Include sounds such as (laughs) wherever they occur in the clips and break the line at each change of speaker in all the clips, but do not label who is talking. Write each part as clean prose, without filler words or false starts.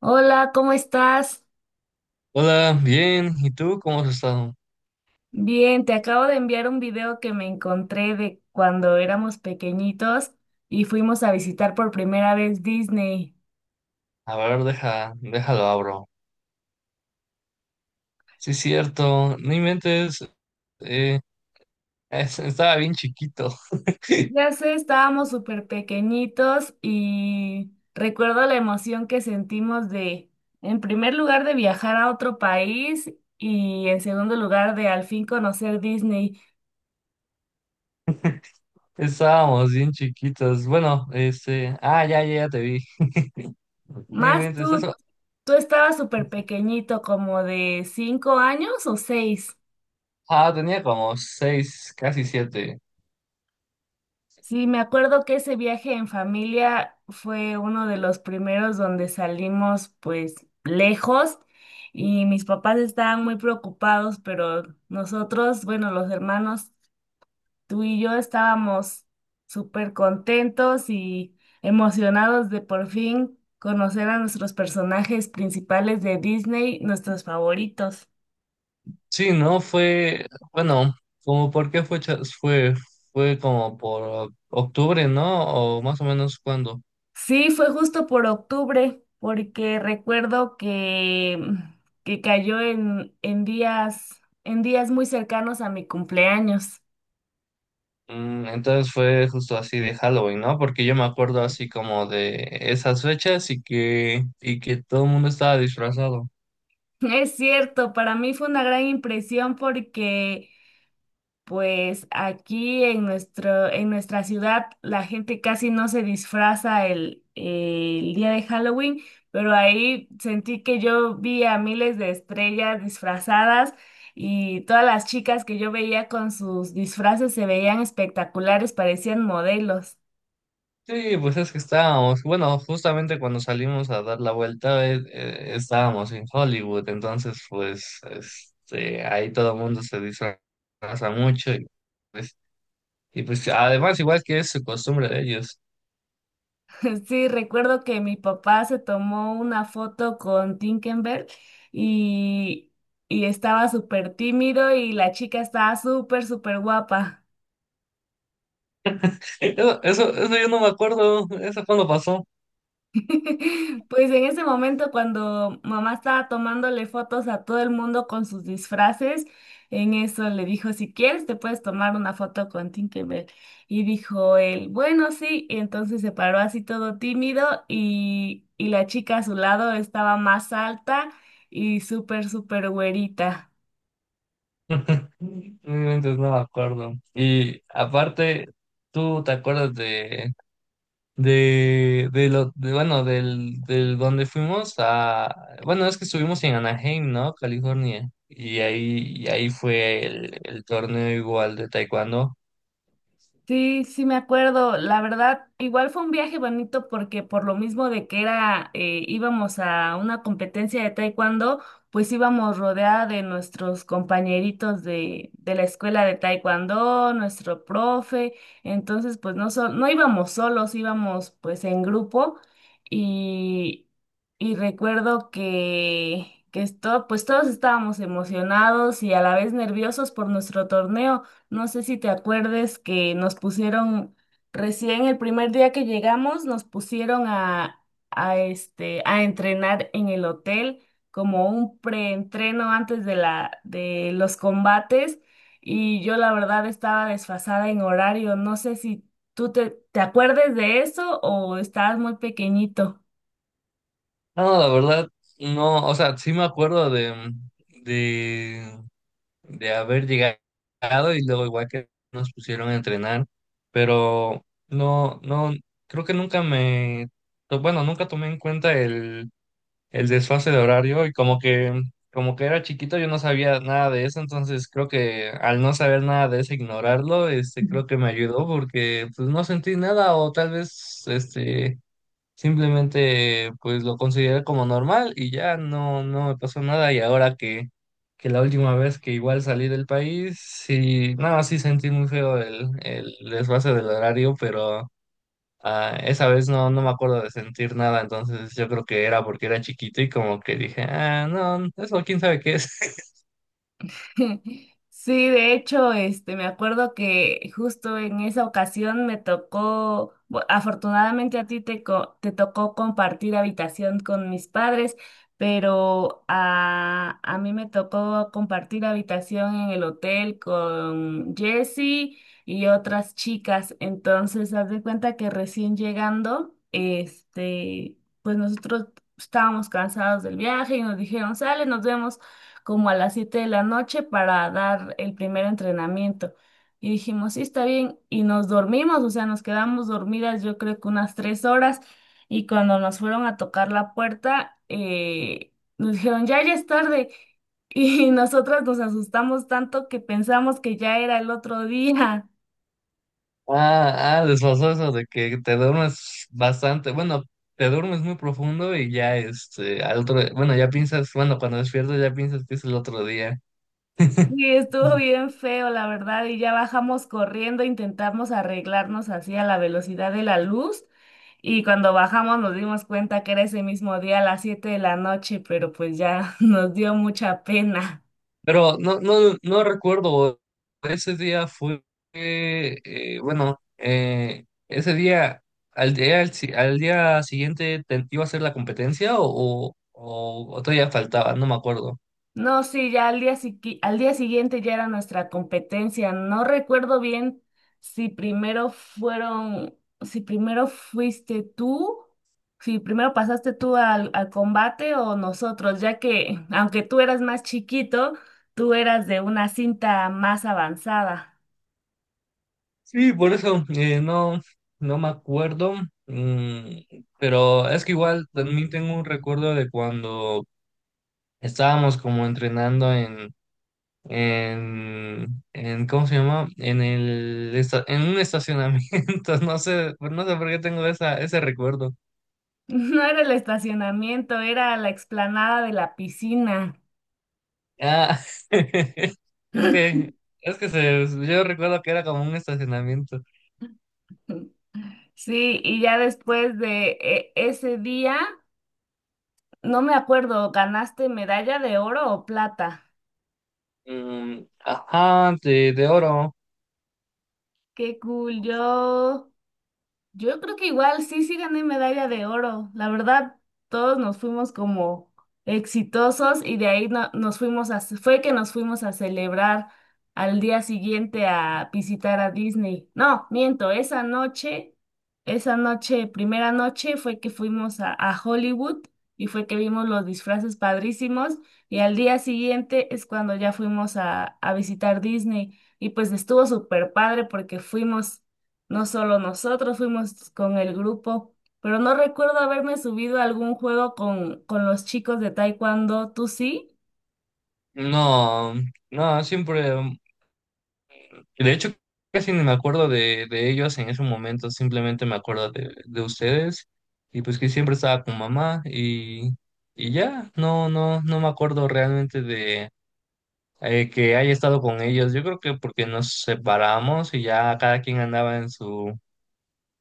Hola, ¿cómo estás?
Hola, bien. ¿Y tú cómo has estado?
Bien, te acabo de enviar un video que me encontré de cuando éramos pequeñitos y fuimos a visitar por primera vez Disney.
A ver, deja, déjalo abro. Sí, es cierto. No inventes. eh, Estaba bien chiquito. (laughs)
Ya sé, estábamos súper pequeñitos y recuerdo la emoción que sentimos de, en primer lugar, de viajar a otro país y en segundo lugar, de al fin conocer Disney.
Estábamos bien chiquitos. Bueno, Ah, ya, ya, ya te vi. No
Más
inventes eso.
tú estabas súper pequeñito, como de 5 años o 6.
Ah, tenía como seis, casi siete.
Sí, me acuerdo que ese viaje en familia fue uno de los primeros donde salimos pues lejos y mis papás estaban muy preocupados, pero nosotros, bueno, los hermanos, tú y yo estábamos súper contentos y emocionados de por fin conocer a nuestros personajes principales de Disney, nuestros favoritos.
Sí, no fue. Bueno, como por qué fue, cha- fue, fue como por octubre, ¿no? O más o menos cuando.
Sí, fue justo por octubre, porque recuerdo que cayó en días muy cercanos a mi cumpleaños. (laughs)
Entonces fue justo así de Halloween, ¿no? Porque yo me acuerdo así como de esas fechas y que todo el mundo estaba disfrazado.
Es cierto, para mí fue una gran impresión porque pues aquí en nuestra ciudad la gente casi no se disfraza el día de Halloween, pero ahí sentí que yo vi a miles de estrellas disfrazadas y todas las chicas que yo veía con sus disfraces se veían espectaculares, parecían modelos.
Sí, pues es que estábamos, bueno, justamente cuando salimos a dar la vuelta, estábamos en Hollywood, entonces pues este, ahí todo el mundo se disfraza mucho pues, y pues además igual que es su costumbre de ellos.
(laughs) Sí, recuerdo que mi papá se tomó una foto con Tinkenberg y, y estaba súper tímido y la chica estaba súper, súper guapa.
(laughs) Eso yo no me acuerdo, ¿eso cuándo pasó?
(laughs) Pues en ese momento cuando mamá estaba tomándole fotos a todo el mundo con sus disfraces, en eso le dijo, si quieres te puedes tomar una foto con Tinkerbell. Y dijo él, bueno, sí. Y entonces se paró así todo tímido y la chica a su lado estaba más alta y súper, súper güerita.
(laughs) Entonces no me acuerdo. Y aparte, ¿tú te acuerdas de lo, de, bueno, del donde fuimos a, bueno, es que estuvimos en Anaheim, ¿no? California. Y ahí fue el torneo igual de taekwondo.
Sí, sí me acuerdo. La verdad, igual fue un viaje bonito porque por lo mismo de que era, íbamos a una competencia de taekwondo, pues íbamos rodeada de nuestros compañeritos de la escuela de taekwondo, nuestro profe. Entonces, pues no, no íbamos solos, íbamos pues en grupo y, y recuerdo que esto, pues todos estábamos emocionados y a la vez nerviosos por nuestro torneo. No sé si te acuerdes que nos pusieron, recién el primer día que llegamos, nos pusieron a entrenar en el hotel como un preentreno antes de los combates y yo la verdad estaba desfasada en horario. No sé si tú te acuerdes de eso o estabas muy pequeñito.
No, la verdad, no, o sea, sí me acuerdo de, de haber llegado y luego igual que nos pusieron a entrenar, pero creo que nunca me, to- bueno, nunca tomé en cuenta el desfase de horario como que era chiquito yo no sabía nada de eso, entonces creo que al no saber nada de eso, ignorarlo, este, creo que me ayudó porque pues no sentí nada o tal vez, este... Simplemente pues lo consideré como normal y ya no me pasó nada y ahora que la última vez que igual salí del país, sí, no, sí sentí muy feo el desfase del horario, pero ah, esa vez no, no me acuerdo de sentir nada, entonces yo creo que era porque era chiquito y como que dije, ah, no, eso quién sabe qué es.
(laughs) Sí, de hecho, este, me acuerdo que justo en esa ocasión me tocó, afortunadamente a ti te tocó compartir habitación con mis padres, pero a mí me tocó compartir habitación en el hotel con Jessie y otras chicas. Entonces, haz de cuenta que recién llegando, este, pues nosotros estábamos cansados del viaje y nos dijeron, sale, nos vemos como a las 7 de la noche para dar el primer entrenamiento. Y dijimos, sí, está bien. Y nos dormimos, o sea, nos quedamos dormidas yo creo que unas 3 horas. Y cuando nos fueron a tocar la puerta, nos dijeron, ya, ya es tarde. Y (laughs) nosotras nos asustamos tanto que pensamos que ya era el otro día.
Ah, ah, les pasó eso de que te duermes bastante, bueno, te duermes muy profundo y ya, este, al otro, bueno, ya piensas, bueno, cuando despiertas ya piensas que es el otro día. (laughs)
Sí, estuvo bien feo, la verdad, y ya bajamos corriendo, intentamos arreglarnos así a la velocidad de la luz, y cuando bajamos nos dimos cuenta que era ese mismo día a las 7 de la noche, pero pues ya (laughs) nos dio mucha pena.
Pero no recuerdo, ese día fue, bueno, ese día, al, si- al día siguiente, ¿te iba a hacer la competencia o todavía faltaba? No me acuerdo.
No, sí, ya al día, al día siguiente ya era nuestra competencia. No recuerdo bien si primero fueron, si primero fuiste tú, si primero pasaste tú al combate o nosotros, ya que aunque tú eras más chiquito, tú eras de una cinta más avanzada.
Sí, por eso no, no me acuerdo, mm, pero es que igual también tengo un recuerdo de cuando estábamos como entrenando en, en ¿cómo se llama? En un estacionamiento, (laughs) no sé, no sé por qué tengo ese recuerdo.
(laughs) No era el estacionamiento, era la explanada de la piscina.
Ah, (laughs) es
(laughs)
que, yo recuerdo que era como un estacionamiento.
Sí, y ya después de ese día. No me acuerdo, ¿ganaste medalla de oro o plata?
Mm, ajá, de oro.
Qué cool, yo. Yo creo que igual sí, sí gané medalla de oro. La verdad, todos nos fuimos como exitosos y de ahí nos fuimos fue que nos fuimos a celebrar al día siguiente a visitar a Disney. No, miento, esa noche, primera noche fue que fuimos a Hollywood y fue que vimos los disfraces padrísimos y al día siguiente es cuando ya fuimos a visitar Disney y pues estuvo súper padre porque fuimos no solo nosotros fuimos con el grupo, pero no recuerdo haberme subido a algún juego con los chicos de Taekwondo. ¿Tú sí?
No, no, siempre. De hecho, casi ni me acuerdo de ellos en ese momento, simplemente me acuerdo de ustedes y pues que siempre estaba con mamá y ya, no me acuerdo realmente de que haya estado con ellos. Yo creo que porque nos separamos y ya cada quien andaba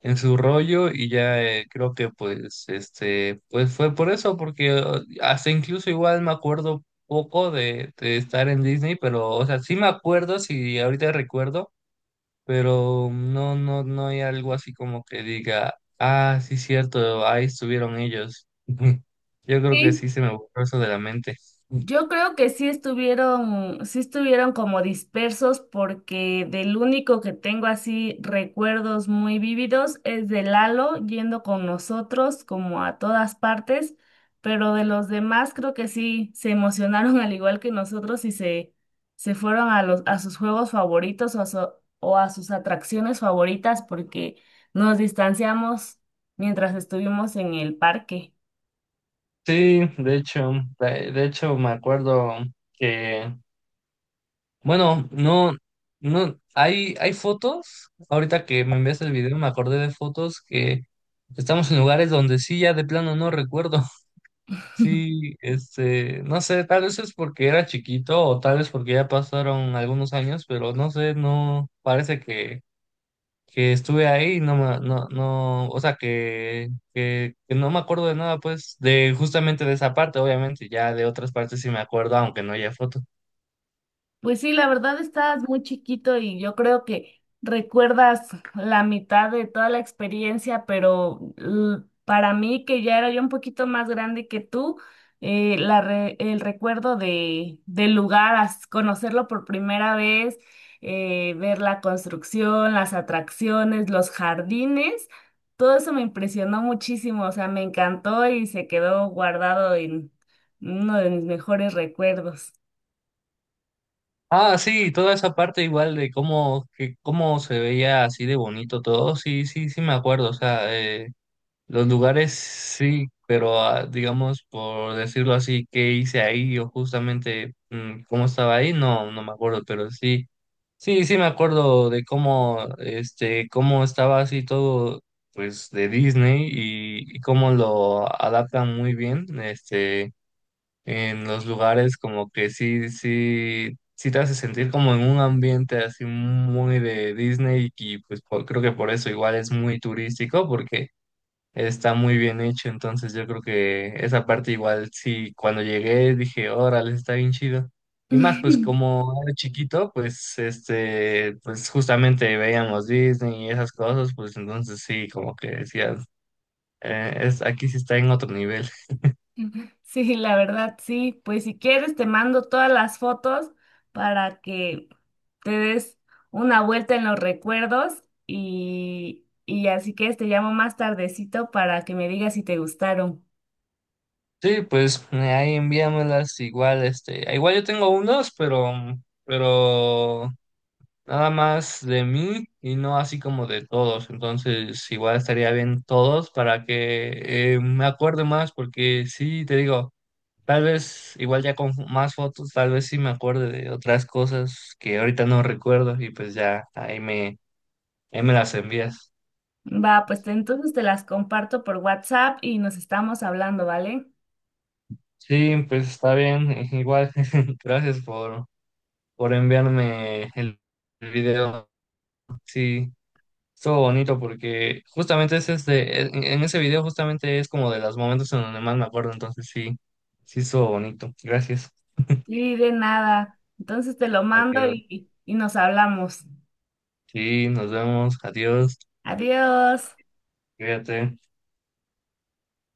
en su rollo y ya creo que pues, este, pues fue por eso, porque hasta incluso igual me acuerdo poco de estar en Disney, pero o sea, sí me acuerdo, si ahorita recuerdo pero no hay algo así como que diga, ah, sí, cierto, ahí estuvieron ellos. (laughs) Yo creo que
Sí,
sí se me borró eso de la mente.
yo creo que sí estuvieron como dispersos porque del único que tengo así recuerdos muy vívidos es de Lalo yendo con nosotros como a todas partes, pero de los demás creo que sí se emocionaron (laughs) al igual que nosotros y se fueron a sus juegos favoritos o o a sus atracciones favoritas porque nos distanciamos mientras estuvimos en el parque.
Sí, de hecho, de hecho me acuerdo que, bueno, no, no, hay fotos, ahorita que me envías el video me acordé de fotos que estamos en lugares donde sí ya de plano no recuerdo. Sí, este, no sé, tal vez es porque era chiquito o tal vez porque ya pasaron algunos años, pero no sé, no, parece que estuve ahí y no, o sea, que no me acuerdo de nada, pues, de justamente de esa parte, obviamente, ya de otras partes sí me acuerdo, aunque no haya foto.
Pues sí, la verdad estás muy chiquito y yo creo que recuerdas la mitad de toda la experiencia, pero para mí, que ya era yo un poquito más grande que tú, el recuerdo de, del lugar, as- conocerlo por primera vez, ver la construcción, las atracciones, los jardines, todo eso me impresionó muchísimo, o sea, me encantó y se quedó guardado en uno de mis mejores recuerdos.
Ah, sí, toda esa parte igual de cómo, que, cómo se veía así de bonito todo, sí, sí, sí me acuerdo, o sea, los lugares sí, pero ah, digamos, por decirlo así, qué hice ahí o justamente mm, cómo estaba ahí, no, no me acuerdo, pero sí, sí, sí me acuerdo de cómo, este, cómo estaba así todo, pues, de Disney y cómo lo adaptan muy bien, este, en los lugares como que sí, sí, sí te hace sentir como en un ambiente así muy de Disney y pues por- creo que por eso igual es muy turístico porque está muy bien hecho, entonces yo creo que esa parte igual sí, cuando llegué dije, órale, está bien chido. Y más, pues
(laughs)
como era chiquito, pues este, pues justamente veíamos Disney y esas cosas, pues entonces sí, como que decías, aquí sí está en otro nivel.
Ujú. Sí, la verdad, sí. Pues si quieres, te mando todas las fotos para que te des una vuelta en los recuerdos y así que te llamo más tardecito para que me digas si te gustaron.
Sí, pues ahí envíamelas igual, este, igual yo tengo unos, pero nada más de mí y no así como de todos. Entonces, igual estaría bien todos para que me acuerde más, porque sí, te digo, tal vez igual ya con más fotos, tal vez sí me acuerde de otras cosas que ahorita no recuerdo y pues ya ahí me las envías.
Va, pues entonces te las comparto por WhatsApp y nos estamos hablando, ¿vale?
Sí, pues está bien, (laughs) igual. (laughs) Gracias por, por enviarme el video. Sí. Estuvo bonito porque justamente es en ese video justamente es como de los momentos en donde más me acuerdo, entonces sí, sí estuvo bonito. Gracias.
Y de nada. Entonces te lo mando
Adiós.
y nos hablamos.
Sí, nos vemos. Adiós.
Adiós.
Cuídate.